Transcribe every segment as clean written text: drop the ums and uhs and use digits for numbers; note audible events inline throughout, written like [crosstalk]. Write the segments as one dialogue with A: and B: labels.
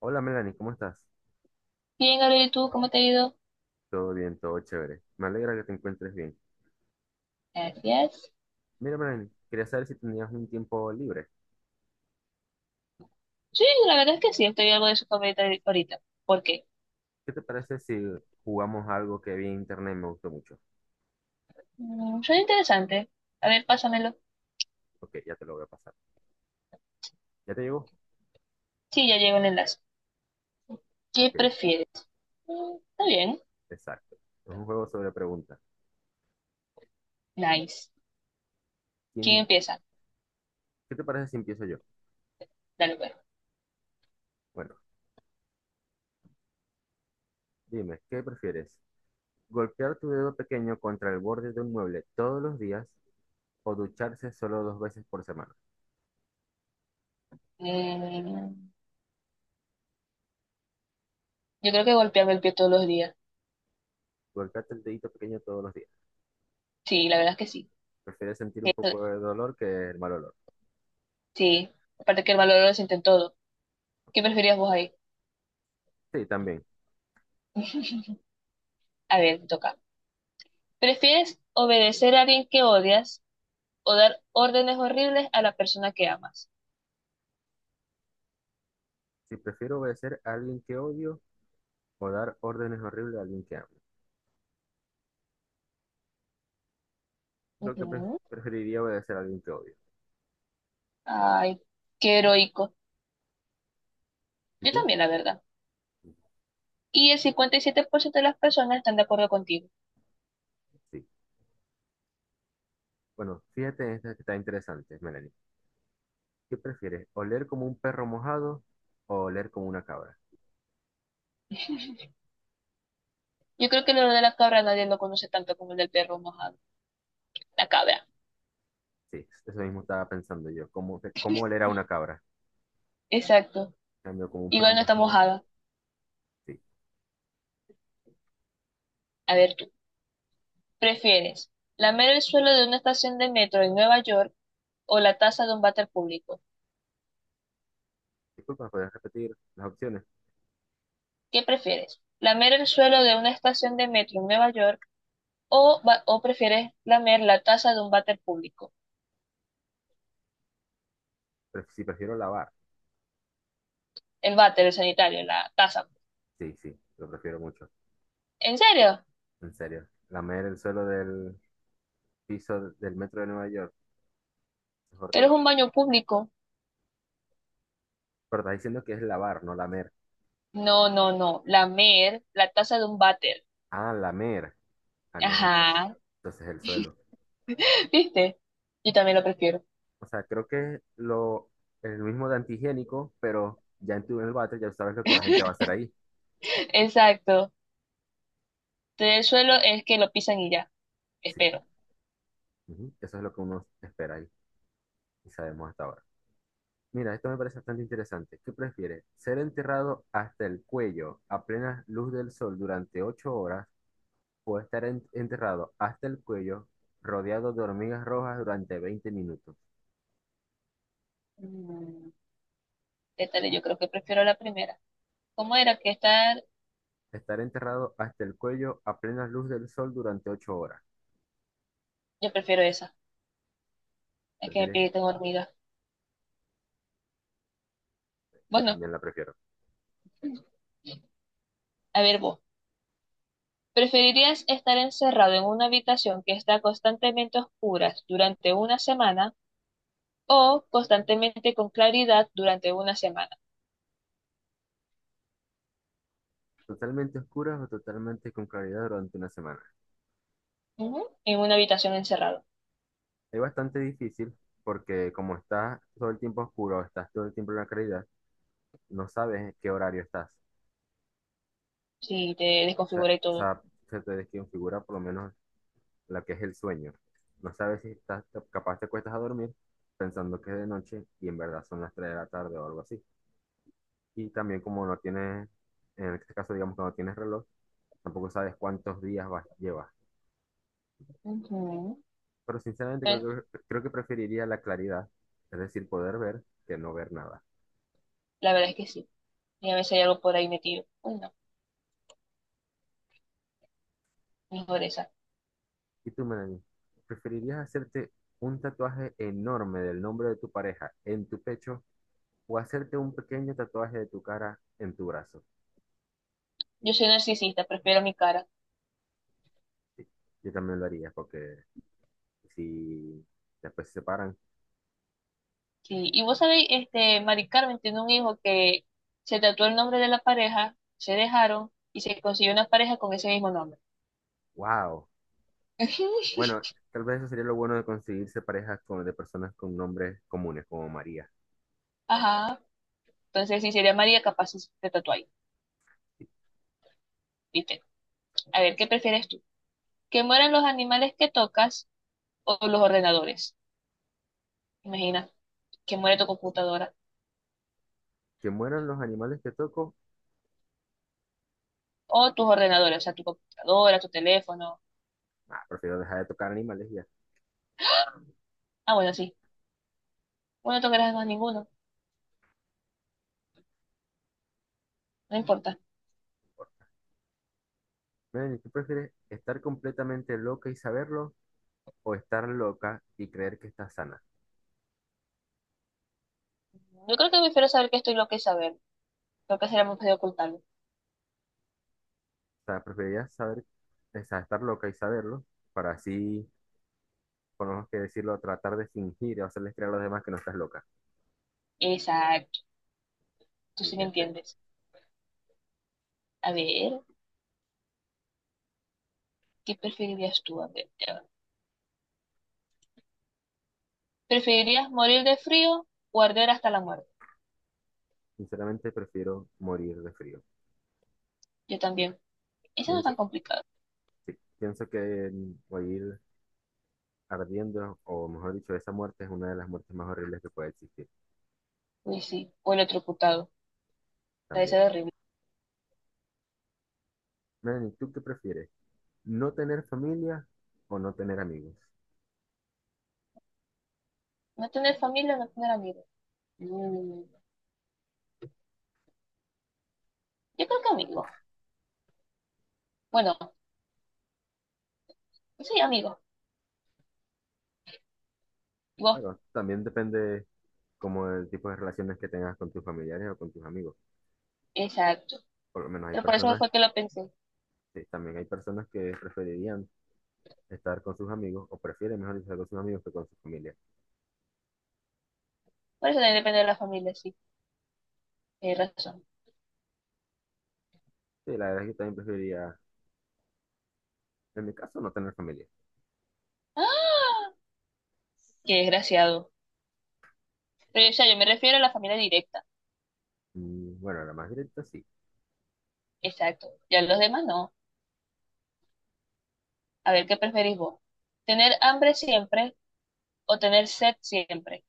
A: Hola Melanie, ¿cómo estás?
B: Bien, Gabriel, ¿y tú cómo te ha ido?
A: Todo bien, todo chévere. Me alegra que te encuentres bien.
B: Gracias.
A: Mira Melanie, quería saber si tenías un tiempo libre.
B: Sí, la verdad es que sí, estoy algo de su ahorita. ¿Por qué?
A: ¿Qué te parece si jugamos algo que vi en internet y me gustó mucho?
B: Suena interesante. A ver, pásamelo.
A: Ok, ya te lo voy a pasar. ¿Ya te llegó?
B: Sí, ya llegó el enlace. ¿Qué
A: Ok,
B: prefieres? Está bien.
A: exacto. Es un juego sobre preguntas.
B: Nice. ¿Quién
A: ¿Quién-
B: empieza?
A: ¿Qué te parece si empiezo yo?
B: Dale, pues.
A: Bueno, dime, ¿qué prefieres? ¿Golpear tu dedo pequeño contra el borde de un mueble todos los días o ducharse solo dos veces por semana?
B: Mm, yo creo que golpearme el pie todos los días.
A: Golpearte el dedito pequeño todos los días.
B: Sí, la verdad es que sí.
A: ¿Prefieres sentir un
B: Eso-
A: poco de dolor que el mal olor?
B: sí. Aparte que el valor lo sienten todo.
A: Ok.
B: ¿Qué preferías vos ahí?
A: Sí, también.
B: [laughs] A ver, me toca. ¿Prefieres obedecer a alguien que odias o dar órdenes horribles a la persona que amas?
A: Si prefiero obedecer a alguien que odio o dar órdenes horribles a alguien que amo. Creo que
B: Ujú.
A: preferiría obedecer a alguien que odio.
B: Ay, qué heroico.
A: ¿Y
B: Yo
A: tú?
B: también, la verdad. Y el 57% de las personas están de acuerdo contigo.
A: Sí. Bueno, fíjate en esta que está interesante, Melanie. ¿Qué prefieres? ¿Oler como un perro mojado o oler como una cabra?
B: Yo creo que lo de la cabra nadie lo conoce tanto como el del perro mojado. La cabra.
A: Sí, eso mismo estaba pensando yo. ¿Cómo oler a una cabra?
B: Exacto.
A: En cambio como un perro
B: Igual no está
A: mojado.
B: mojada.
A: Sí.
B: A ver tú. ¿Prefieres lamer el suelo de una estación de metro en Nueva York o la taza de un váter público?
A: Disculpa, ¿puedes repetir las opciones?
B: ¿Qué prefieres? ¿Lamer el suelo de una estación de metro en Nueva York o, o prefieres lamer la taza de un váter público?
A: Si prefiero lavar.
B: El váter, el sanitario, la taza.
A: Sí, sí, lo prefiero mucho.
B: ¿En serio?
A: En serio. Lamer el suelo del piso del metro de Nueva York. Es
B: Pero es
A: horrible.
B: un baño público.
A: Pero está diciendo que es lavar, no lamer.
B: No, no, no. Lamer la taza de un váter.
A: Ah, lamer. Ah, no, entonces,
B: Ajá.
A: entonces el suelo.
B: [laughs] ¿Viste? Yo también lo prefiero.
A: O sea, creo que lo, el mismo de antihigiénico, pero ya en el váter ya sabes lo que la gente va a hacer ahí.
B: Exacto. El suelo es que lo pisan y ya.
A: Sí,
B: Espero.
A: ujú, eso es lo que uno espera ahí y sabemos hasta ahora. Mira, esto me parece bastante interesante. ¿Qué prefieres? ¿Ser enterrado hasta el cuello a plena luz del sol durante 8 horas o estar enterrado hasta el cuello rodeado de hormigas rojas durante 20 minutos?
B: Mm, ¿Qué tal? Yo creo que prefiero la primera. ¿Cómo era que estar?
A: Estar enterrado hasta el cuello a plena luz del sol durante ocho horas.
B: Yo prefiero esa. Es que me
A: ¿Prefieres?
B: pide tengo hormigas.
A: Yo
B: Bueno,
A: también la prefiero.
B: a ver vos. ¿Preferirías estar encerrado en una habitación que está constantemente oscura durante una semana o constantemente con claridad durante una semana?
A: Totalmente oscuras o totalmente con claridad durante una semana.
B: Ujú. En una habitación encerrado.
A: Es bastante difícil porque como estás todo el tiempo oscuro, estás todo el tiempo en la claridad, no sabes en qué horario estás.
B: Sí, te
A: O sea,
B: desconfigura y
A: o
B: todo.
A: sea, se te desconfigura por lo menos la que es el sueño. No sabes si estás capaz te cuestas a dormir pensando que es de noche y en verdad son las 3 de la tarde o algo así. Y también como no tienes, en este caso digamos que no tienes reloj, tampoco sabes cuántos días vas, llevas.
B: Ujú.
A: Pero sinceramente
B: Eh,
A: creo que preferiría la claridad, es decir, poder ver que no ver nada.
B: La verdad es que sí. Y a veces hay algo por ahí metido. Uy, no, mejor esa.
A: ¿Y tú, Melanie? ¿Preferirías hacerte un tatuaje enorme del nombre de tu pareja en tu pecho o hacerte un pequeño tatuaje de tu cara en tu brazo?
B: Yo soy narcisista, prefiero mi cara.
A: Sí, yo también lo haría porque si después se separan,
B: Sí. Y vos sabéis, este, Mari Carmen tiene un hijo que se tatuó el nombre de la pareja, se dejaron y se consiguió una pareja con ese mismo nombre.
A: wow.
B: [laughs]
A: Bueno, tal vez eso sería lo bueno de conseguirse parejas con, de personas con nombres comunes como María.
B: Ajá. Entonces, si sería María, capaz si te tatúa ahí.
A: Sí.
B: ¿Viste? A ver, ¿qué prefieres tú? ¿Que mueran los animales que tocas o los ordenadores? Imagina, que muere tu computadora.
A: Que mueran los animales que toco.
B: O tus ordenadores, o sea, tu computadora, tu teléfono.
A: Ah, prefiero dejar de tocar animales y ya.
B: Ah, bueno, sí. Bueno, no tocarás más ninguno, no importa.
A: Melanie, ¿tú prefieres estar completamente loca y saberlo o estar loca y creer que estás sana?
B: Yo creo que prefiero saber que estoy lo que saber. Lo que será más fácil ocultarlo.
A: O sea, preferirías saber, o sea, estar loca y saberlo para así, por lo menos que decirlo, tratar de fingir o hacerles creer a los demás que no estás loca,
B: Exacto, tú sí me
A: inteligente.
B: entiendes. A ver, ¿qué preferirías tú? A ver, ya va. ¿Preferirías morir de frío o arder hasta la muerte?
A: Sinceramente, prefiero morir de frío.
B: Yo también. Eso no es
A: Pienso,
B: tan complicado.
A: sí, pienso que el morir ardiendo, o mejor dicho, esa muerte es una de las muertes más horribles que puede existir
B: Uy, sí. O electrocutado. Debe
A: también.
B: ser horrible.
A: Melanie, ¿tú qué prefieres? ¿No tener familia o no tener amigos?
B: No tener familia, no tener amigos. Mm, Yo creo que amigos. Bueno, sí, amigos. Vos,
A: Claro, también depende como el tipo de relaciones que tengas con tus familiares o con tus amigos.
B: exacto.
A: Por lo menos hay
B: Pero por eso
A: personas,
B: fue que lo pensé.
A: que- también hay personas que preferirían estar con sus amigos o prefieren mejor estar con sus amigos que con su familia.
B: Por eso también depende de la familia, sí, tienes razón.
A: Sí, la verdad es que yo también preferiría, en mi caso, no tener familia.
B: ¡Ah! Qué desgraciado. Pero, o sea, yo me refiero a la familia directa.
A: Mm, bueno, la más directa sí.
B: Exacto. Ya los demás no. A ver, ¿qué preferís vos? ¿Tener hambre siempre o tener sed siempre?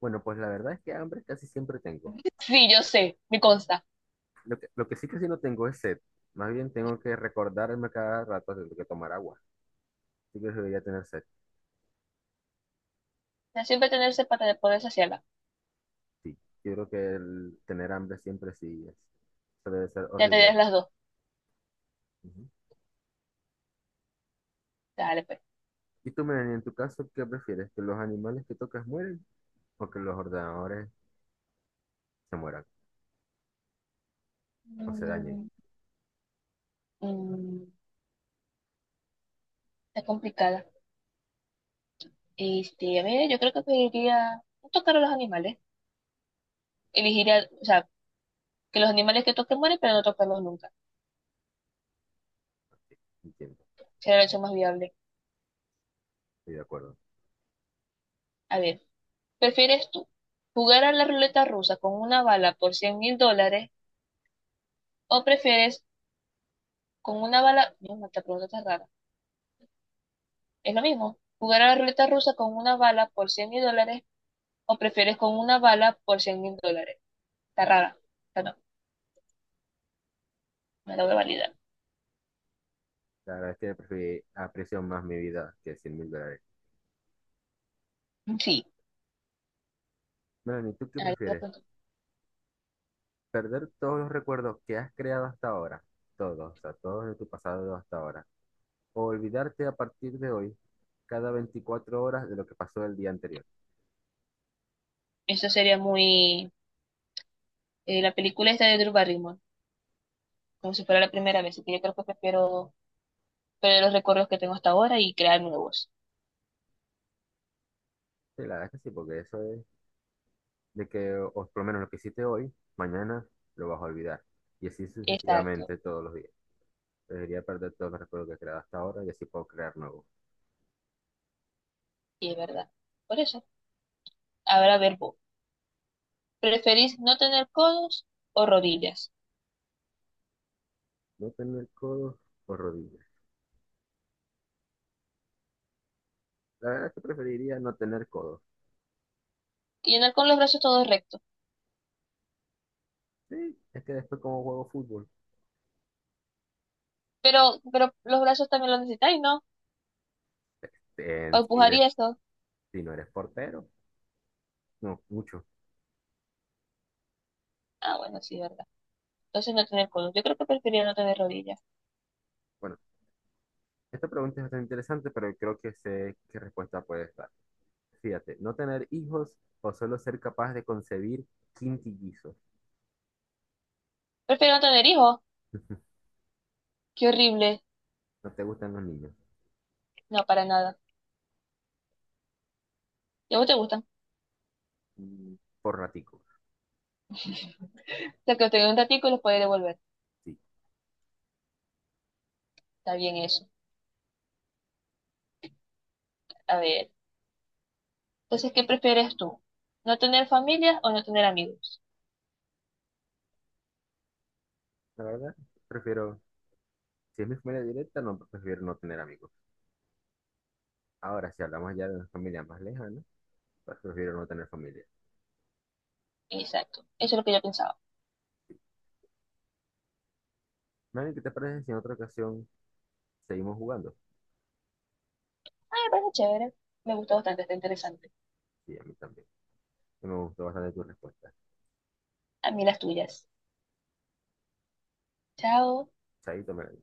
A: Bueno, pues la verdad es que hambre casi siempre tengo.
B: Sí, yo sé, me consta.
A: Lo que sí casi no tengo es sed. Más bien tengo que recordarme cada rato de que tomar agua. Sí que debería tener sed,
B: O siempre tener sed para poder saciarla.
A: sí. Yo creo que el tener hambre siempre sí es, eso debe ser
B: Ya
A: horrible.
B: tenías las dos.
A: Ujú.
B: Dale, pues.
A: Y tú, Melanie, en tu caso, ¿qué prefieres? ¿Que los animales que tocas mueren o que los ordenadores se mueran o se dañen?
B: Mm, mm, Está complicada. Este, a ver, yo creo que preferiría no tocar a los animales. Elegiría, o sea, que los animales que toquen mueren, pero no tocarlos nunca.
A: Entiendo,
B: Sería la opción más viable.
A: estoy de acuerdo.
B: A ver. ¿Prefieres tú jugar a la ruleta rusa con una bala por $100,000 o prefieres con una bala, no, no, esta pregunta está rara, es lo mismo, jugar a la ruleta rusa con una bala por 100 mil dólares o prefieres con una bala por 100 mil dólares? Está rara, esta no, me la voy a validar.
A: La verdad es que aprecio más mi vida que $100.000.
B: Sí,
A: Melanie, ¿tú qué
B: a lo
A: prefieres?
B: cuento.
A: ¿Perder todos los recuerdos que has creado hasta ahora? Todos, o sea, todos de tu pasado hasta ahora. ¿O olvidarte a partir de hoy cada 24 horas de lo que pasó el día anterior?
B: Eso sería muy, la película esta de Drew Barrymore, como si fuera la primera vez, así que yo creo que prefiero perder los recuerdos que tengo hasta ahora y crear nuevos.
A: Sí, la verdad es que sí, porque eso es de que, o por lo menos lo que hiciste hoy, mañana lo vas a olvidar. Y así
B: Exacto,
A: sucesivamente todos los días. Debería perder todos los recuerdos que he creado hasta ahora y así puedo crear nuevos.
B: y es verdad. Por eso, ahora a ver vos. ¿Preferís no tener codos o rodillas?
A: No tener codos o rodillas. La verdad es que preferiría no tener codos.
B: Y andar con los brazos todos rectos.
A: Sí, es que después como juego fútbol,
B: Pero los brazos también los necesitáis, ¿no? Para
A: en- si,
B: empujar
A: eres-
B: y eso.
A: si no eres portero, no, mucho.
B: Ah, bueno, sí, verdad. Entonces no tener codos. Yo creo que preferiría no tener rodillas.
A: Bueno, esta pregunta es bastante interesante, pero creo que sé qué respuesta puede estar. Fíjate, no tener hijos o solo ser capaz de concebir quintillizos.
B: Prefiero no tener hijos.
A: [laughs]
B: Qué horrible.
A: No te gustan los niños.
B: No, para nada. ¿Y a vos te gustan? O
A: Mm, por ratico,
B: sea, que los tengas un ratico y los podés devolver.
A: sí.
B: Está bien eso. A ver. Entonces, ¿qué prefieres tú? ¿No tener familia o no tener amigos?
A: La verdad, prefiero, si es mi familia directa, no prefiero no tener amigos. Ahora, si hablamos ya de una familia más lejana, pues prefiero no tener familia.
B: Exacto. Eso es lo que yo pensaba.
A: Manny, ¿qué te parece si en otra ocasión seguimos jugando?
B: Ah, me parece chévere. Me gusta bastante, está interesante.
A: Sí, a mí también. Sí me gustó bastante tu respuesta.
B: A mí las tuyas. Chao.
A: Chaito, Melanie.